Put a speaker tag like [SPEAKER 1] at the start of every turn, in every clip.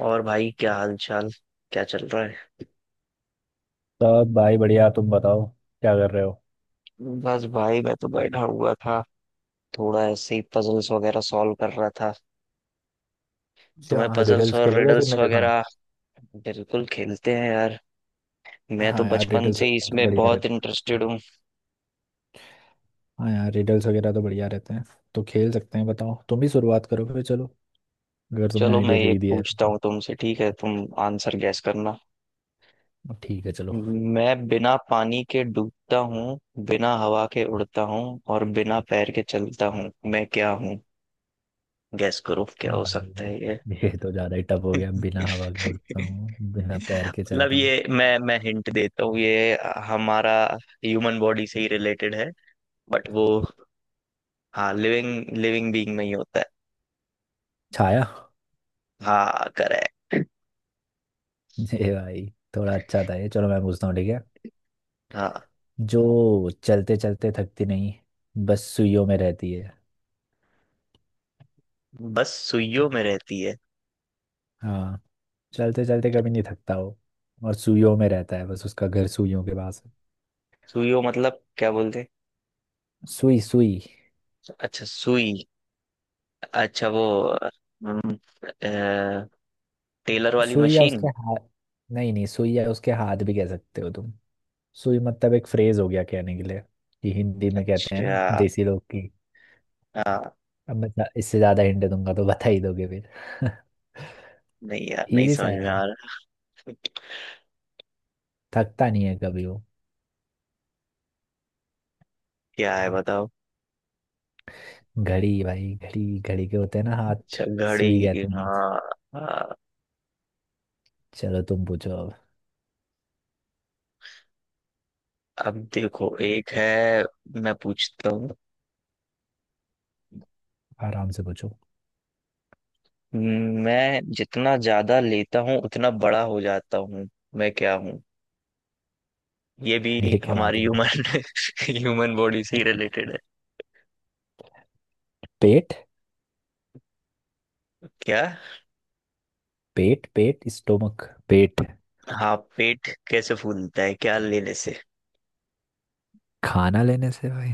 [SPEAKER 1] और भाई, क्या हाल चाल, क्या चल रहा है?
[SPEAKER 2] सब भाई बढ़िया। तुम बताओ क्या कर रहे हो।
[SPEAKER 1] बस भाई मैं तो बैठा हुआ था, थोड़ा ऐसे ही पजल्स वगैरह सॉल्व कर रहा था। तुम्हें
[SPEAKER 2] अच्छा,
[SPEAKER 1] पजल्स
[SPEAKER 2] रिडल्स
[SPEAKER 1] और
[SPEAKER 2] खेलोगे फिर
[SPEAKER 1] रिडल्स
[SPEAKER 2] मेरे साथ।
[SPEAKER 1] वगैरह बिल्कुल खेलते हैं यार। मैं तो
[SPEAKER 2] हाँ यार,
[SPEAKER 1] बचपन
[SPEAKER 2] रिडल्स
[SPEAKER 1] से ही
[SPEAKER 2] वगैरह तो
[SPEAKER 1] इसमें
[SPEAKER 2] बढ़िया
[SPEAKER 1] बहुत
[SPEAKER 2] रहते हैं।
[SPEAKER 1] इंटरेस्टेड हूँ।
[SPEAKER 2] हाँ यार रिडल्स वगैरह तो बढ़िया रहते हैं तो खेल सकते हैं। बताओ, तुम ही शुरुआत करो फिर, चलो, अगर तुमने
[SPEAKER 1] चलो मैं
[SPEAKER 2] आइडिया दे
[SPEAKER 1] एक
[SPEAKER 2] ही दिया है तो।
[SPEAKER 1] पूछता हूँ तुमसे, ठीक है, तुम आंसर गैस करना।
[SPEAKER 2] ठीक है, चलो।
[SPEAKER 1] मैं बिना पानी के डूबता हूँ, बिना हवा के उड़ता हूँ और बिना पैर के चलता हूँ, मैं क्या हूँ? गैस करो क्या हो सकता
[SPEAKER 2] भाई,
[SPEAKER 1] है ये।
[SPEAKER 2] ये तो ज़्यादा ही टफ हो गया। बिना हवा के उड़ता हूँ, बिना पैर के
[SPEAKER 1] मतलब
[SPEAKER 2] चलता हूँ।
[SPEAKER 1] ये, मैं हिंट देता हूँ, ये हमारा ह्यूमन बॉडी से ही रिलेटेड है। बट वो, हाँ, लिविंग लिविंग बीइंग में ही होता है।
[SPEAKER 2] छाया।
[SPEAKER 1] हाँ करेक्ट।
[SPEAKER 2] ये भाई थोड़ा अच्छा था। ये चलो, मैं पूछता हूँ, ठीक है।
[SPEAKER 1] हाँ।
[SPEAKER 2] जो चलते चलते थकती नहीं, बस सुइयों में रहती है।
[SPEAKER 1] बस सुइयों में रहती है।
[SPEAKER 2] हाँ, चलते चलते कभी नहीं थकता हो और सुइयों में रहता है। बस उसका घर सुइयों के पास है।
[SPEAKER 1] सुइयों मतलब क्या बोलते हैं?
[SPEAKER 2] सुई सुई।
[SPEAKER 1] अच्छा सुई। अच्छा वो हम्म, अ, टेलर वाली
[SPEAKER 2] सुई या उसके
[SPEAKER 1] मशीन।
[SPEAKER 2] हाथ। नहीं नहीं, सुई या उसके हाथ भी कह सकते हो तुम। सुई मतलब एक फ्रेज हो गया कहने के लिए कि हिंदी में कहते हैं ना,
[SPEAKER 1] अच्छा।
[SPEAKER 2] देसी लोग की।
[SPEAKER 1] हाँ।
[SPEAKER 2] अब मैं इससे ज्यादा हिंट दूंगा तो बता ही दोगे फिर।
[SPEAKER 1] नहीं यार, नहीं
[SPEAKER 2] इजी सा
[SPEAKER 1] समझ
[SPEAKER 2] है
[SPEAKER 1] में
[SPEAKER 2] भाई।
[SPEAKER 1] आ रहा।
[SPEAKER 2] थकता नहीं है कभी वो।
[SPEAKER 1] क्या है बताओ।
[SPEAKER 2] घड़ी भाई, घड़ी। घड़ी के होते हैं ना हाथ,
[SPEAKER 1] अच्छा
[SPEAKER 2] सुई
[SPEAKER 1] घड़ी,
[SPEAKER 2] कहते हैं।
[SPEAKER 1] हाँ। हाँ।
[SPEAKER 2] चलो तुम पूछो अब।
[SPEAKER 1] अब देखो एक है, मैं पूछता हूँ।
[SPEAKER 2] आराम से पूछो।
[SPEAKER 1] मैं जितना ज्यादा लेता हूँ उतना बड़ा हो जाता हूँ, मैं क्या हूँ? ये भी
[SPEAKER 2] ये क्या बात
[SPEAKER 1] हमारी
[SPEAKER 2] है भाई?
[SPEAKER 1] ह्यूमन ह्यूमन बॉडी से ही रिलेटेड है।
[SPEAKER 2] पेट
[SPEAKER 1] क्या?
[SPEAKER 2] पेट पेट स्टोमक। पेट।
[SPEAKER 1] हाँ पेट कैसे फूलता है, क्या लेने से?
[SPEAKER 2] खाना लेने से भाई।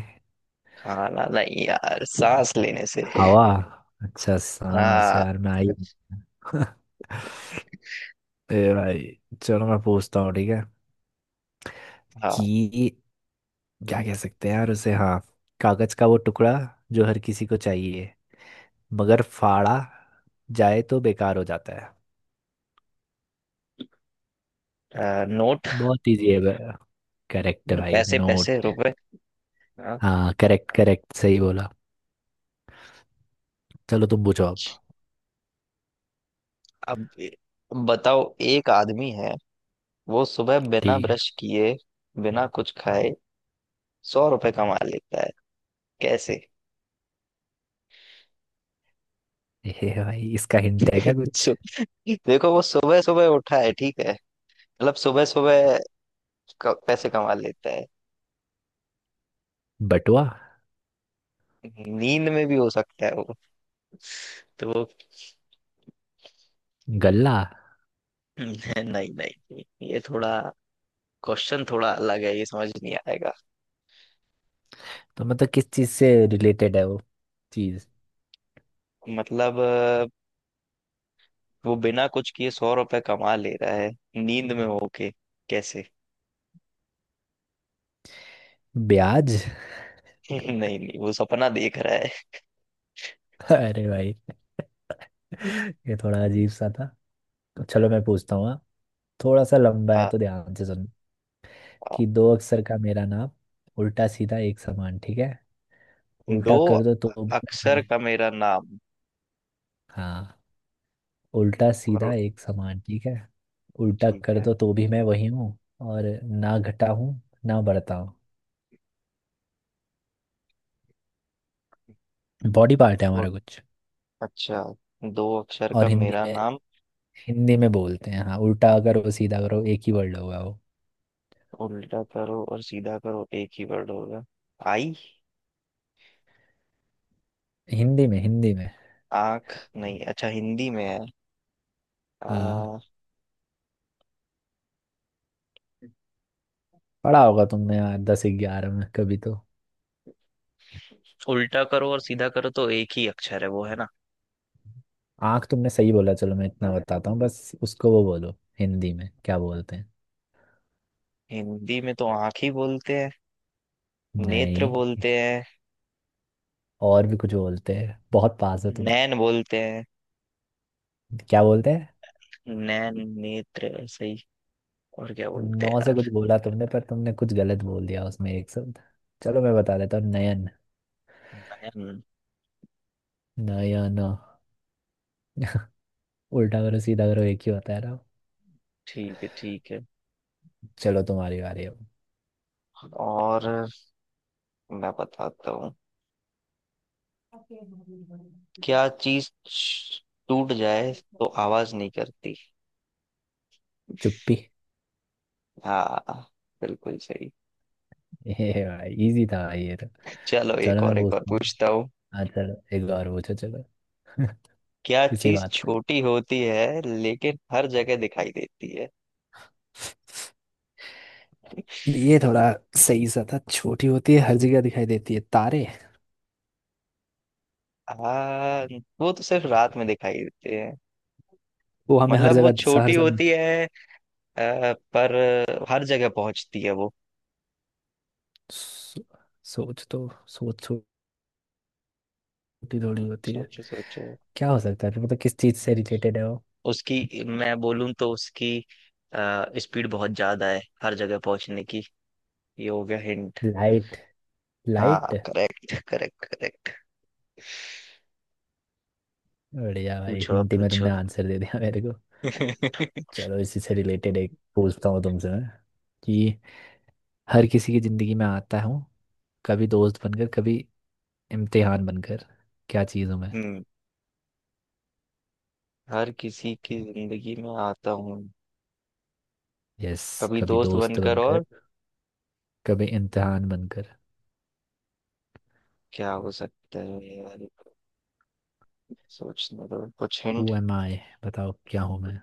[SPEAKER 1] खाना नहीं यार, सांस लेने से।
[SPEAKER 2] हवा। अच्छा सांस,
[SPEAKER 1] हाँ।
[SPEAKER 2] यार मैं आई हूँ। ए भाई, चलो मैं पूछता हूँ, ठीक है
[SPEAKER 1] हाँ
[SPEAKER 2] कि क्या कह सकते हैं यार उसे, हाँ, कागज का वो टुकड़ा जो हर किसी को चाहिए, मगर फाड़ा जाए तो बेकार हो जाता है।
[SPEAKER 1] नोट।
[SPEAKER 2] बहुत इजी है भाई। करेक्ट भाई,
[SPEAKER 1] पैसे, पैसे,
[SPEAKER 2] नोट।
[SPEAKER 1] रुपए। हाँ।
[SPEAKER 2] हाँ करेक्ट करेक्ट, सही बोला। चलो तुम पूछो अब।
[SPEAKER 1] अब बताओ, एक आदमी है वो सुबह बिना
[SPEAKER 2] ठीक
[SPEAKER 1] ब्रश किए, बिना कुछ खाए 100 रुपए कमा लेता है, कैसे?
[SPEAKER 2] है। ए भाई, इसका हिंट है क्या कुछ?
[SPEAKER 1] सु- देखो वो सुबह सुबह उठा है, ठीक है। मतलब सुबह सुबह पैसे कमा लेता है।
[SPEAKER 2] बटुआ।
[SPEAKER 1] नींद में भी हो सकता है वो। तो वो।
[SPEAKER 2] गल्ला।
[SPEAKER 1] नहीं, नहीं, नहीं, ये थोड़ा, क्वेश्चन थोड़ा अलग है, ये समझ नहीं आएगा।
[SPEAKER 2] तो मतलब किस चीज से रिलेटेड है वो चीज?
[SPEAKER 1] मतलब वो बिना कुछ किए 100 रुपए कमा ले रहा है, नींद में होके, कैसे?
[SPEAKER 2] ब्याज।
[SPEAKER 1] नहीं, नहीं, वो सपना देख रहा है।
[SPEAKER 2] अरे भाई। ये थोड़ा अजीब सा था। तो चलो मैं पूछता हूँ, हाँ। थोड़ा सा लंबा है
[SPEAKER 1] आ,
[SPEAKER 2] तो ध्यान से सुन,
[SPEAKER 1] आ,
[SPEAKER 2] कि दो अक्षर का मेरा नाम, उल्टा सीधा एक समान, ठीक है, उल्टा
[SPEAKER 1] दो
[SPEAKER 2] कर दो तो भी मैं
[SPEAKER 1] अक्षर
[SPEAKER 2] वही।
[SPEAKER 1] का मेरा नाम।
[SPEAKER 2] हाँ, उल्टा सीधा
[SPEAKER 1] और
[SPEAKER 2] एक समान, ठीक है, उल्टा
[SPEAKER 1] ठीक
[SPEAKER 2] कर दो तो भी मैं वही हूँ, और ना घटा हूँ ना बढ़ता हूँ।
[SPEAKER 1] है।
[SPEAKER 2] बॉडी पार्ट है हमारा कुछ।
[SPEAKER 1] अच्छा दो अक्षर का
[SPEAKER 2] और हिंदी
[SPEAKER 1] मेरा
[SPEAKER 2] में,
[SPEAKER 1] नाम।
[SPEAKER 2] हिंदी में बोलते हैं। हाँ, उल्टा करो सीधा करो, एक ही वर्ड होगा वो।
[SPEAKER 1] उल्टा करो और सीधा करो एक ही वर्ड होगा। आई।
[SPEAKER 2] हिंदी में, हिंदी में।
[SPEAKER 1] आंख नहीं, अच्छा हिंदी में है।
[SPEAKER 2] हाँ,
[SPEAKER 1] आ,
[SPEAKER 2] पढ़ा होगा तुमने यार दस ग्यारह में कभी तो।
[SPEAKER 1] उल्टा करो और सीधा करो तो एक ही अक्षर है वो, है ना।
[SPEAKER 2] आँख तुमने सही बोला। चलो, मैं इतना बताता हूँ बस, उसको वो बोलो हिंदी में क्या बोलते हैं।
[SPEAKER 1] हिंदी में तो आंख ही बोलते हैं। नेत्र
[SPEAKER 2] नहीं।
[SPEAKER 1] बोलते हैं।
[SPEAKER 2] और भी कुछ बोलते हैं, बहुत पास हो तुम।
[SPEAKER 1] नैन बोलते हैं।
[SPEAKER 2] क्या बोलते हैं?
[SPEAKER 1] नैन, नेत्र, ऐसे ही। और क्या बोलते हैं
[SPEAKER 2] नौ से कुछ
[SPEAKER 1] यार?
[SPEAKER 2] बोला तुमने पर तुमने कुछ गलत बोल दिया उसमें एक शब्द। चलो मैं बता देता हूँ, नयन।
[SPEAKER 1] नैन।
[SPEAKER 2] नयन। उल्टा करो सीधा करो एक ही होता है ना।
[SPEAKER 1] ठीक है, ठीक है।
[SPEAKER 2] चलो तुम्हारी बारी अब।
[SPEAKER 1] और मैं बताता हूँ। क्या चीज टूट जाए तो आवाज नहीं करती?
[SPEAKER 2] चुप्पी।
[SPEAKER 1] हाँ। बिल्कुल सही।
[SPEAKER 2] ये भाई इजी था भाई ये तो।
[SPEAKER 1] चलो एक
[SPEAKER 2] चलो मैं
[SPEAKER 1] और, एक और
[SPEAKER 2] पूछता हूँ।
[SPEAKER 1] पूछता हूँ।
[SPEAKER 2] हाँ चलो, एक बार पूछो, चलो।
[SPEAKER 1] क्या
[SPEAKER 2] इसी
[SPEAKER 1] चीज
[SPEAKER 2] बात पे।
[SPEAKER 1] छोटी होती है लेकिन हर जगह दिखाई देती है?
[SPEAKER 2] ये थोड़ा सही सा था। छोटी होती है हर जगह दिखाई देती है, तारे।
[SPEAKER 1] आ, वो तो सिर्फ रात में दिखाई देती है।
[SPEAKER 2] वो हमें हर
[SPEAKER 1] मतलब वो
[SPEAKER 2] जगह हर
[SPEAKER 1] छोटी
[SPEAKER 2] समय।
[SPEAKER 1] होती है पर हर जगह पहुंचती है वो।
[SPEAKER 2] सो, सोच तो, सोच। छोटी थोड़ी होती है।
[SPEAKER 1] सोचो सोचो।
[SPEAKER 2] क्या हो सकता है फिर? मतलब किस चीज से रिलेटेड है वो?
[SPEAKER 1] उसकी, मैं बोलूं तो उसकी स्पीड बहुत ज्यादा है हर जगह पहुंचने की। ये हो गया हिंट।
[SPEAKER 2] लाइट।
[SPEAKER 1] हाँ
[SPEAKER 2] लाइट।
[SPEAKER 1] Correct, correct, correct.
[SPEAKER 2] बढ़िया भाई,
[SPEAKER 1] पूछो अब
[SPEAKER 2] हिंदी में
[SPEAKER 1] पूछो।
[SPEAKER 2] तुमने आंसर दे दिया मेरे को।
[SPEAKER 1] हम्म।
[SPEAKER 2] चलो, इसी से रिलेटेड एक पूछता हूँ तुमसे मैं, कि हर किसी की जिंदगी में आता हूँ, कभी दोस्त बनकर कभी इम्तिहान बनकर, क्या चीज़ हूँ मैं?
[SPEAKER 1] हर किसी की जिंदगी में आता हूँ,
[SPEAKER 2] यस।
[SPEAKER 1] कभी
[SPEAKER 2] कभी
[SPEAKER 1] दोस्त
[SPEAKER 2] दोस्त
[SPEAKER 1] बनकर और।
[SPEAKER 2] बनकर कभी इम्तिहान बनकर।
[SPEAKER 1] क्या हो सकता है यार, सोचने दो, कुछ
[SPEAKER 2] हु
[SPEAKER 1] हिंट।
[SPEAKER 2] Am I? बताओ क्या हूँ मैं।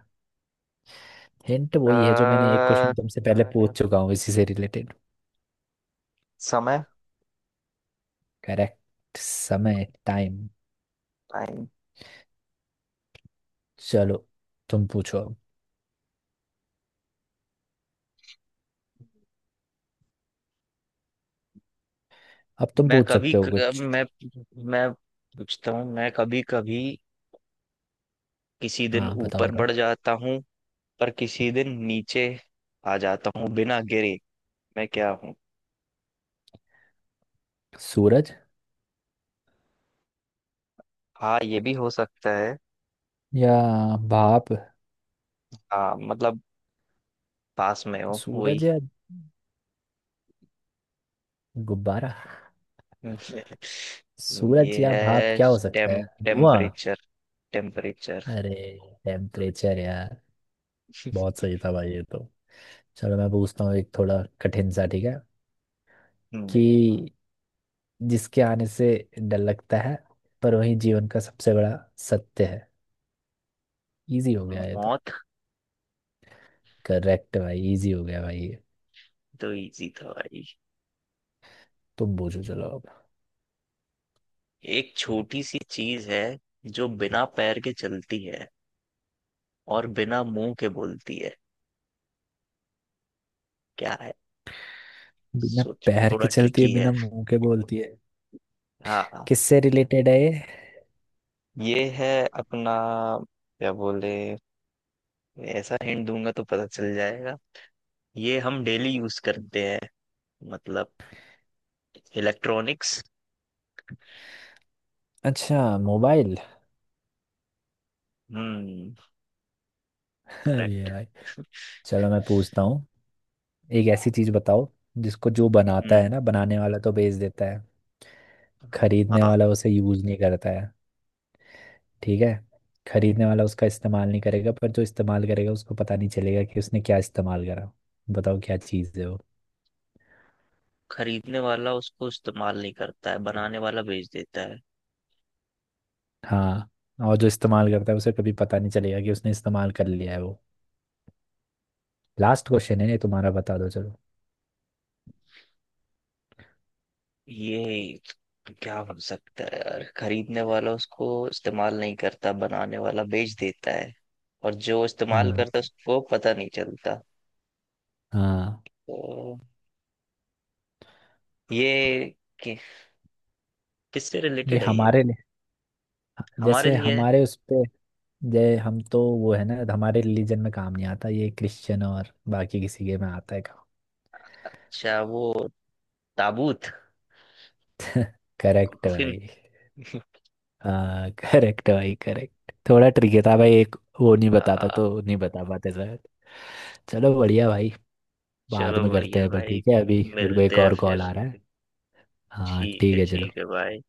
[SPEAKER 2] हिंट वही है जो मैंने एक
[SPEAKER 1] आ,
[SPEAKER 2] क्वेश्चन तुमसे पहले पूछ चुका हूँ, इसी से रिलेटेड।
[SPEAKER 1] समय।
[SPEAKER 2] करेक्ट, समय, टाइम।
[SPEAKER 1] टाइम।
[SPEAKER 2] चलो तुम पूछो अब। अब तुम
[SPEAKER 1] मैं
[SPEAKER 2] पूछ
[SPEAKER 1] कभी
[SPEAKER 2] सकते हो
[SPEAKER 1] क-
[SPEAKER 2] कुछ।
[SPEAKER 1] मैं पूछता हूँ। मैं कभी कभी किसी दिन
[SPEAKER 2] हाँ बताओ
[SPEAKER 1] ऊपर
[SPEAKER 2] बताओ।
[SPEAKER 1] बढ़ जाता हूँ, पर किसी दिन नीचे आ जाता हूँ बिना गिरे। मैं क्या हूँ?
[SPEAKER 2] सूरज
[SPEAKER 1] हाँ ये भी हो सकता है।
[SPEAKER 2] या भाप।
[SPEAKER 1] हाँ मतलब, पास में हो वही।
[SPEAKER 2] सूरज या गुब्बारा।
[SPEAKER 1] हम्म, तो ये
[SPEAKER 2] सूरज या भाप,
[SPEAKER 1] है।
[SPEAKER 2] क्या हो सकता है? धुआं।
[SPEAKER 1] Temperature, temperature.
[SPEAKER 2] अरे, टेम्परेचर यार। बहुत सही था भाई ये तो। चलो मैं पूछता हूँ एक थोड़ा कठिन सा, ठीक है,
[SPEAKER 1] हम्म।
[SPEAKER 2] कि जिसके आने से डर लगता है पर वही जीवन का सबसे बड़ा सत्य है। इजी हो गया ये तो।
[SPEAKER 1] मौत।
[SPEAKER 2] करेक्ट भाई, इजी हो गया भाई ये।
[SPEAKER 1] तो इजी था भाई।
[SPEAKER 2] तुम पूछो चलो अब।
[SPEAKER 1] एक छोटी सी चीज है जो बिना पैर के चलती है और बिना मुंह के बोलती है, क्या है?
[SPEAKER 2] बिना
[SPEAKER 1] सोचो,
[SPEAKER 2] पैर
[SPEAKER 1] थोड़ा
[SPEAKER 2] के चलती है
[SPEAKER 1] ट्रिकी है।
[SPEAKER 2] बिना मुंह के बोलती है।
[SPEAKER 1] हाँ, हाँ।
[SPEAKER 2] किससे रिलेटेड है ये?
[SPEAKER 1] ये है अपना, क्या बोले। ऐसा हिंट दूंगा तो पता चल जाएगा। ये हम डेली यूज करते हैं, मतलब इलेक्ट्रॉनिक्स।
[SPEAKER 2] अच्छा, मोबाइल।
[SPEAKER 1] हम्म।
[SPEAKER 2] ये
[SPEAKER 1] करेक्ट।
[SPEAKER 2] भाई, चलो मैं पूछता हूँ। एक ऐसी चीज बताओ जिसको, जो बनाता
[SPEAKER 1] हम्म।
[SPEAKER 2] है ना, बनाने वाला तो बेच देता है, खरीदने
[SPEAKER 1] हाँ।
[SPEAKER 2] वाला उसे यूज नहीं करता है, ठीक है, खरीदने वाला उसका इस्तेमाल नहीं करेगा, पर जो इस्तेमाल करेगा उसको पता नहीं चलेगा कि उसने क्या इस्तेमाल करा। बताओ क्या चीज़ है वो।
[SPEAKER 1] खरीदने वाला उसको इस्तेमाल नहीं करता है, बनाने वाला बेच देता है।
[SPEAKER 2] हाँ। और जो इस्तेमाल करता है उसे कभी पता नहीं चलेगा कि उसने इस्तेमाल कर लिया है वो। लास्ट क्वेश्चन है ये तुम्हारा, बता दो चलो।
[SPEAKER 1] ये क्या हो सकता है यार, खरीदने वाला उसको इस्तेमाल नहीं करता, बनाने वाला बेच देता है और जो इस्तेमाल करता है
[SPEAKER 2] हाँ।
[SPEAKER 1] उसको पता नहीं चलता।
[SPEAKER 2] हाँ।
[SPEAKER 1] तो ये कि, किससे
[SPEAKER 2] ये
[SPEAKER 1] रिलेटेड है ये?
[SPEAKER 2] हमारे लिए,
[SPEAKER 1] हमारे
[SPEAKER 2] जैसे
[SPEAKER 1] लिए है।
[SPEAKER 2] हमारे उस पे जय, हम तो वो है ना, हमारे रिलीजन में काम नहीं आता ये, क्रिश्चियन और बाकी किसी के में आता है काम।
[SPEAKER 1] अच्छा वो ताबूत।
[SPEAKER 2] Correct
[SPEAKER 1] coffin.
[SPEAKER 2] भाई। हाँ करेक्ट भाई करेक्ट, थोड़ा ट्रिकी था भाई एक वो नहीं बताता
[SPEAKER 1] आ,
[SPEAKER 2] तो नहीं बता पाते शायद। चलो बढ़िया भाई। बाद
[SPEAKER 1] चलो
[SPEAKER 2] में करते
[SPEAKER 1] बढ़िया
[SPEAKER 2] हैं, पर
[SPEAKER 1] भाई।
[SPEAKER 2] ठीक है, अभी मेरे को एक
[SPEAKER 1] मिलते हैं
[SPEAKER 2] और
[SPEAKER 1] फिर।
[SPEAKER 2] कॉल आ रहा है। हाँ
[SPEAKER 1] ठीक है,
[SPEAKER 2] ठीक है, चलो।
[SPEAKER 1] ठीक है भाई।